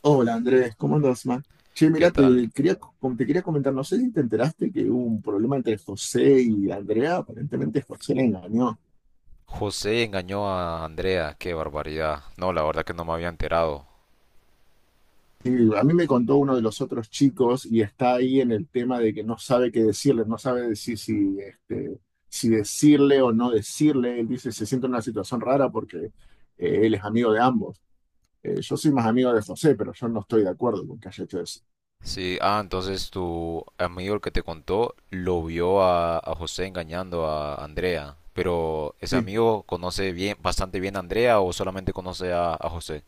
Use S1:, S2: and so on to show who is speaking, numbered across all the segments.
S1: Hola Andrés, ¿cómo andas, man? Che,
S2: ¿Qué
S1: mira,
S2: tal?
S1: te quería comentar, no sé si te enteraste que hubo un problema entre José y Andrea, aparentemente José le engañó.
S2: José engañó a Andrea, qué barbaridad. No, la verdad que no me había enterado.
S1: Sí, a mí me contó uno de los otros chicos y está ahí en el tema de que no sabe qué decirle, no sabe decir si, si decirle o no decirle. Él dice, se siente en una situación rara porque él es amigo de ambos. Yo soy más amigo de José, pero yo no estoy de acuerdo con que haya hecho eso.
S2: Sí, ah, entonces tu amigo el que te contó lo vio a José engañando a Andrea. Pero ese
S1: Sí,
S2: amigo conoce bien, bastante bien a Andrea o solamente conoce a José.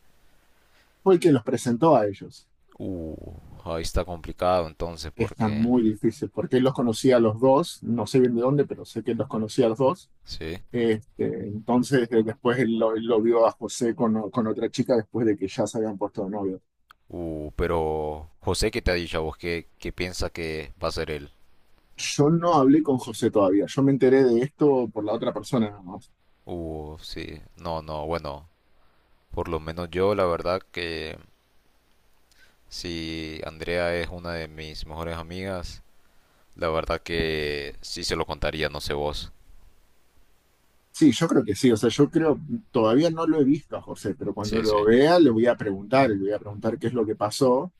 S1: fue el que los presentó a ellos.
S2: Uh, ahí está complicado entonces
S1: Está
S2: porque...
S1: muy difícil, porque él los conocía a los dos, no sé bien de dónde, pero sé que los conocía a los dos.
S2: Sí.
S1: Este, entonces, después él lo vio a José con, con otra chica después de que ya se habían puesto de novios.
S2: Pero José, ¿qué te ha dicho a vos? ¿Qué piensa que va a ser él?
S1: Yo no hablé con José todavía, yo me enteré de esto por la otra persona nada más.
S2: Sí. No, no, bueno. Por lo menos yo, la verdad que si Andrea es una de mis mejores amigas, la verdad que sí se lo contaría, no sé vos.
S1: Sí, yo creo que sí, o sea, yo creo, todavía no lo he visto a José, pero cuando
S2: Sí,
S1: lo
S2: sí.
S1: vea le voy a preguntar, le voy a preguntar qué es lo que pasó.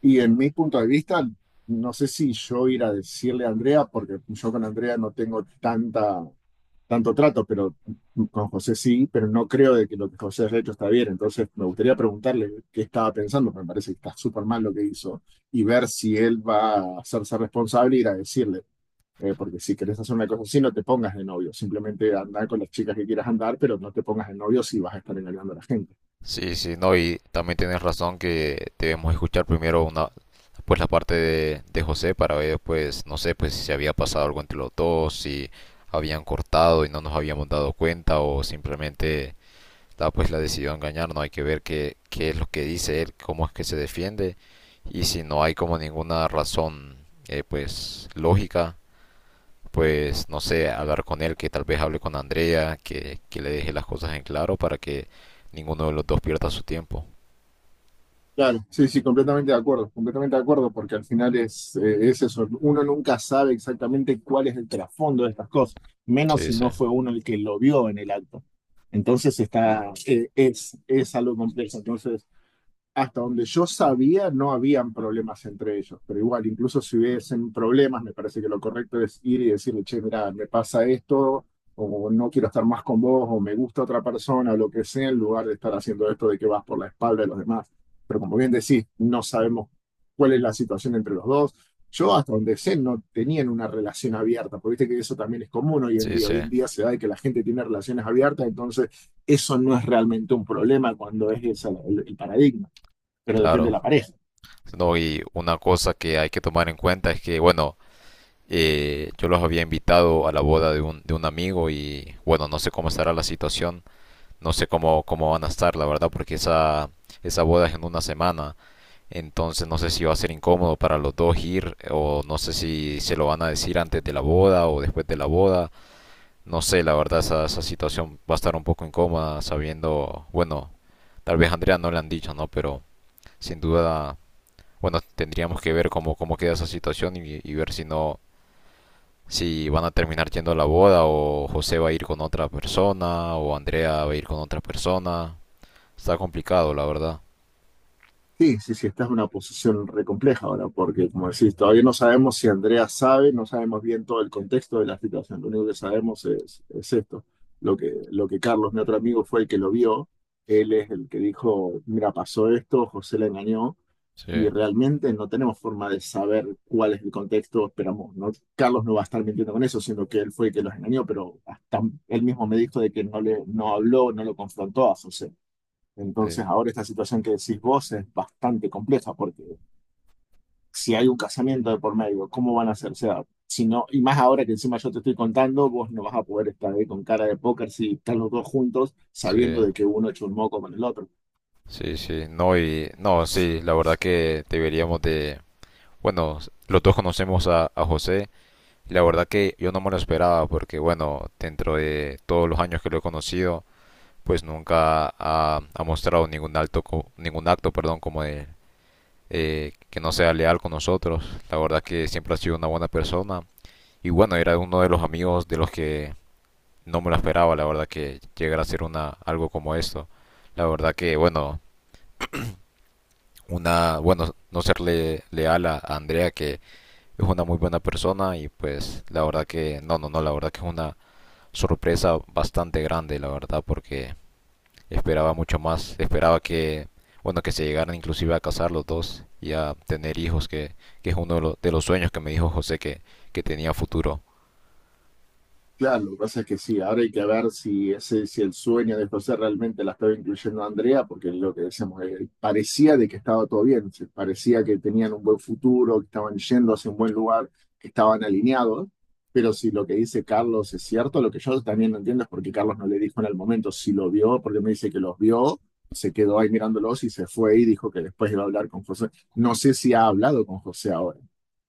S1: Y en mi punto de vista, no sé si yo ir a decirle a Andrea, porque yo con Andrea no tengo tanta tanto trato, pero con José sí, pero no creo de que lo que José ha hecho está bien. Entonces me gustaría preguntarle qué estaba pensando, porque me parece que está súper mal lo que hizo, y ver si él va a hacerse responsable y ir a decirle, porque si querés hacer una cosa así, no te pongas de novio, simplemente andar con las chicas que quieras andar, pero no te pongas de novio si vas a estar engañando a la gente.
S2: Sí, sí, no, y también tienes razón que debemos escuchar primero una, pues la parte de José para ver, pues, no sé, pues si se había pasado algo entre los dos, si habían cortado y no nos habíamos dado cuenta o simplemente la, pues la decidió engañar, no hay que ver qué es lo que dice él, cómo es que se defiende, y si no hay como ninguna razón pues lógica, pues no sé, hablar con él, que tal vez hable con Andrea, que le deje las cosas en claro para que ninguno de los dos pierda su tiempo.
S1: Claro, sí, sí, completamente de acuerdo, porque al final es eso, uno nunca sabe exactamente cuál es el trasfondo de estas cosas, menos
S2: Sí,
S1: si
S2: sí,
S1: no fue uno el que lo vio en el acto. Entonces es algo complejo. Entonces, hasta donde yo sabía, no habían problemas entre ellos, pero igual, incluso si hubiesen problemas, me parece que lo correcto es ir y decirle, che, mira, me pasa esto, o no quiero estar más con vos, o me gusta otra persona, o lo que sea, en lugar de estar haciendo esto de que vas por la espalda de los demás. Pero como bien decís, no sabemos cuál es la situación entre los dos. Yo hasta donde sé no tenían una relación abierta, porque viste que eso también es común hoy en
S2: sí,
S1: día.
S2: sí,
S1: Hoy en día se da de que la gente tiene relaciones abiertas, entonces eso no es realmente un problema cuando es ese el paradigma, pero depende de
S2: claro.
S1: la pareja.
S2: No, y una cosa que hay que tomar en cuenta es que, bueno, yo los había invitado a la boda de un amigo y, bueno, no sé cómo estará la situación, no sé cómo, cómo van a estar, la verdad, porque esa boda es en una semana, entonces no sé si va a ser incómodo para los dos ir o no sé si se lo van a decir antes de la boda o después de la boda. No sé, la verdad, esa situación va a estar un poco incómoda sabiendo, bueno, tal vez a Andrea no le han dicho, ¿no? Pero sin duda, bueno, tendríamos que ver cómo, cómo queda esa situación y ver si no, si van a terminar yendo a la boda o José va a ir con otra persona o Andrea va a ir con otra persona. Está complicado, la verdad.
S1: Sí, sí, sí, esta es una posición re compleja ahora, porque como decís, todavía no sabemos si Andrea sabe, no sabemos bien todo el contexto de la situación, lo único que sabemos es esto, lo que Carlos, mi otro amigo, fue el que lo vio, él es el que dijo, mira, pasó esto, José la engañó,
S2: Sí,
S1: y realmente no tenemos forma de saber cuál es el contexto, esperamos, no, Carlos no va a estar mintiendo con eso, sino que él fue el que los engañó, pero hasta él mismo me dijo de que no habló, no lo confrontó a José.
S2: sí,
S1: Entonces, ahora esta situación que decís vos es bastante compleja porque si hay un casamiento de por medio, ¿cómo van a hacerse dar? Si no, y más ahora que encima yo te estoy contando, vos no vas a poder estar ahí con cara de póker si están los dos juntos
S2: sí,
S1: sabiendo de que uno chusmó con el otro.
S2: sí, sí. No, y, no, sí, la verdad que deberíamos de, bueno, los dos conocemos a José. La verdad que yo no me lo esperaba porque, bueno, dentro de todos los años que lo he conocido, pues nunca ha, ha mostrado ningún alto, ningún acto, perdón, como de que no sea leal con nosotros. La verdad que siempre ha sido una buena persona. Y bueno, era uno de los amigos de los que no me lo esperaba, la verdad que llegara a ser una, algo como esto. La verdad que, bueno, una, bueno, no serle leal a Andrea, que es una muy buena persona y pues la verdad que, no, no, no, la verdad que es una sorpresa bastante grande, la verdad, porque esperaba mucho más. Esperaba que, bueno, que se llegaran inclusive a casar los dos y a tener hijos, que es uno de, de los sueños que me dijo José que tenía futuro.
S1: Claro, lo que pasa es que sí, ahora hay que ver si ese, si el sueño de José realmente la estaba incluyendo a Andrea, porque lo que decíamos, parecía de que estaba todo bien, parecía que tenían un buen futuro, que estaban yendo hacia un buen lugar, que estaban alineados, pero si lo que dice Carlos es cierto, lo que yo también no entiendo es por qué Carlos no le dijo en el momento si lo vio, porque me dice que los vio, se quedó ahí mirándolos y se fue y dijo que después iba a hablar con José. No sé si ha hablado con José ahora,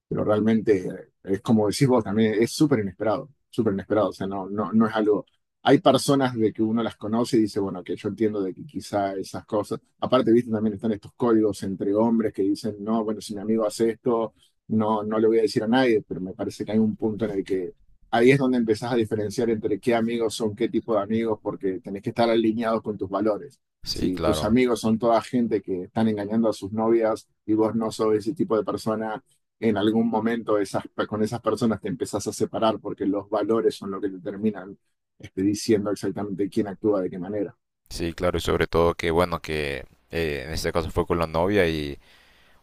S1: pero realmente es como decís vos también, es súper inesperado, o sea, no, no, no es algo, hay personas de que uno las conoce y dice, bueno, que yo entiendo de que quizá esas cosas, aparte, viste, también están estos códigos entre hombres que dicen, no, bueno, si mi amigo hace esto, no, no le voy a decir a nadie, pero me parece que hay un punto en el que ahí es donde empezás a diferenciar entre qué amigos son qué tipo de amigos, porque tenés que estar alineados con tus valores.
S2: Sí,
S1: Si tus
S2: claro.
S1: amigos son toda gente que están engañando a sus novias y vos no sos ese tipo de persona, en algún momento esas, con esas personas te empezás a separar porque los valores son lo que te terminan diciendo exactamente quién actúa de qué manera.
S2: Sí, claro, y sobre todo que, bueno, que en este caso fue con la novia y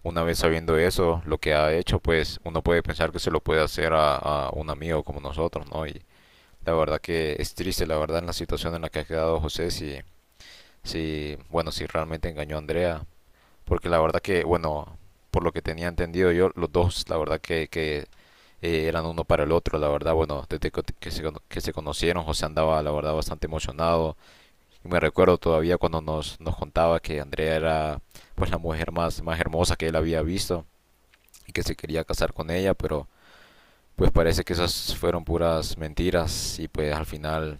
S2: una vez sabiendo eso, lo que ha hecho, pues uno puede pensar que se lo puede hacer a un amigo como nosotros, ¿no? Y la verdad que es triste, la verdad, en la situación en la que ha quedado José, sí, si, bueno, si realmente engañó a Andrea, porque la verdad que, bueno, por lo que tenía entendido yo, los dos, la verdad que eran uno para el otro, la verdad, bueno, desde que se, que se conocieron, José andaba, la verdad, bastante emocionado. Y me recuerdo todavía cuando nos, nos contaba que Andrea era, pues, la mujer más, más hermosa que él había visto y que se quería casar con ella, pero pues parece que esas fueron puras mentiras y pues al final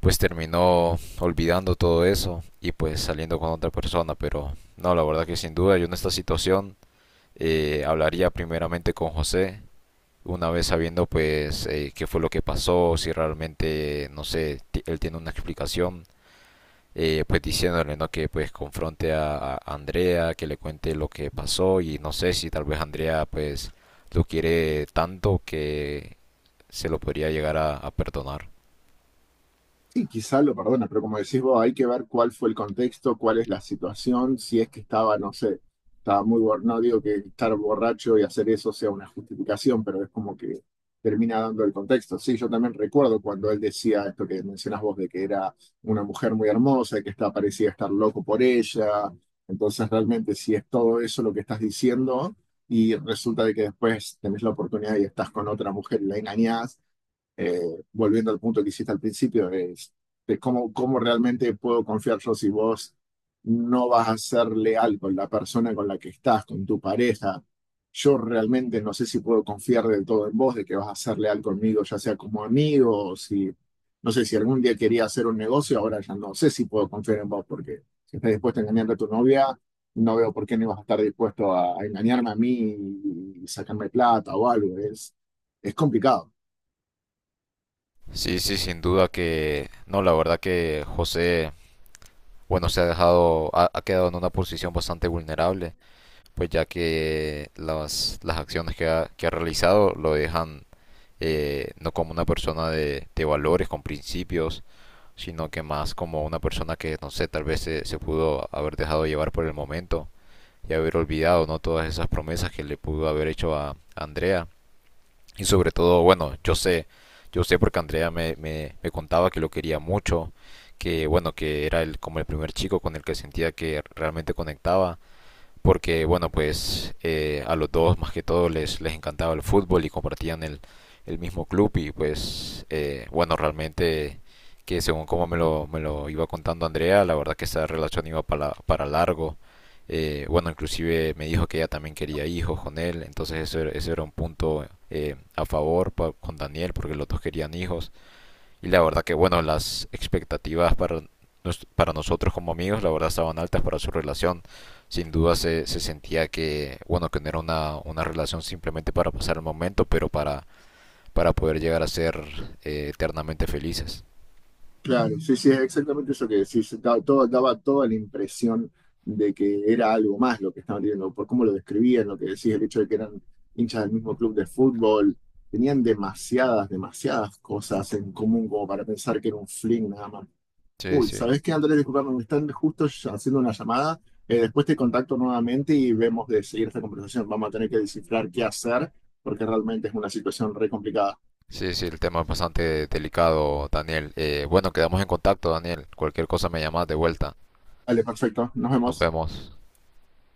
S2: pues terminó olvidando todo eso y pues saliendo con otra persona. Pero no, la verdad que sin duda yo en esta situación hablaría primeramente con José, una vez sabiendo pues qué fue lo que pasó, si realmente, no sé, él tiene una explicación, pues diciéndole, ¿no? Que pues confronte a Andrea, que le cuente lo que pasó y no sé si tal vez Andrea pues lo quiere tanto que se lo podría llegar a perdonar.
S1: Sí, quizá lo perdona, pero como decís vos, hay que ver cuál fue el contexto, cuál es la situación, si es que estaba, no sé, estaba muy borracho, no digo que estar borracho y hacer eso sea una justificación, pero es como que termina dando el contexto. Sí, yo también recuerdo cuando él decía esto que mencionas vos, de que era una mujer muy hermosa y que está, parecía estar loco por ella. Entonces, realmente, si es todo eso lo que estás diciendo y resulta de que después tenés la oportunidad y estás con otra mujer y la engañás, eh, volviendo al punto que hiciste al principio, es de cómo, cómo realmente puedo confiar yo si vos no vas a ser leal con la persona con la que estás, con tu pareja. Yo realmente no sé si puedo confiar del todo en vos, de que vas a ser leal conmigo, ya sea como amigo o si, no sé, si algún día quería hacer un negocio, ahora ya no sé si puedo confiar en vos, porque si estás dispuesto a engañar a tu novia, no veo por qué no ibas a estar dispuesto a engañarme a mí y sacarme plata o algo. Es complicado.
S2: Sí, sí, sin duda que no, la verdad que José, bueno, se ha dejado, ha, ha quedado en una posición bastante vulnerable, pues ya que las acciones que ha realizado lo dejan no como una persona de valores, con principios, sino que más como una persona que, no sé, tal vez se, se pudo haber dejado llevar por el momento y haber olvidado, ¿no? Todas esas promesas que le pudo haber hecho a Andrea. Y sobre todo, bueno, yo sé porque Andrea me contaba que lo quería mucho, que bueno, que era el, como el primer chico con el que sentía que realmente conectaba porque bueno, pues a los dos más que todo les, les encantaba el fútbol y compartían el mismo club y pues bueno, realmente que según como me lo iba contando Andrea, la verdad que esa relación iba para largo. Bueno, inclusive me dijo que ella también quería hijos con él, entonces eso era un punto a favor con Daniel porque los dos querían hijos. Y la verdad que, bueno, las expectativas para, para nosotros como amigos, la verdad estaban altas para su relación. Sin duda se, se sentía que, bueno, que no era una relación simplemente para pasar el momento, pero para poder llegar a ser eternamente felices.
S1: Claro, sí, sí, es exactamente eso que decís. Todo, daba toda la impresión de que era algo más lo que estaban viendo, por cómo lo describían, lo que decís, el hecho de que eran hinchas del mismo club de fútbol. Tenían demasiadas, demasiadas cosas en común como para pensar que era un fling nada más.
S2: Sí,
S1: Uy,
S2: sí.
S1: ¿sabés qué, Andrés? Disculpame, me están justo ya haciendo una llamada. Después te contacto nuevamente y vemos de seguir esta conversación. Vamos a tener que descifrar qué hacer porque realmente es una situación re complicada.
S2: Sí, sí, el tema es bastante delicado, Daniel. Bueno, quedamos en contacto, Daniel. Cualquier cosa me llamas de vuelta.
S1: Vale, perfecto. Nos
S2: Nos
S1: vemos.
S2: vemos.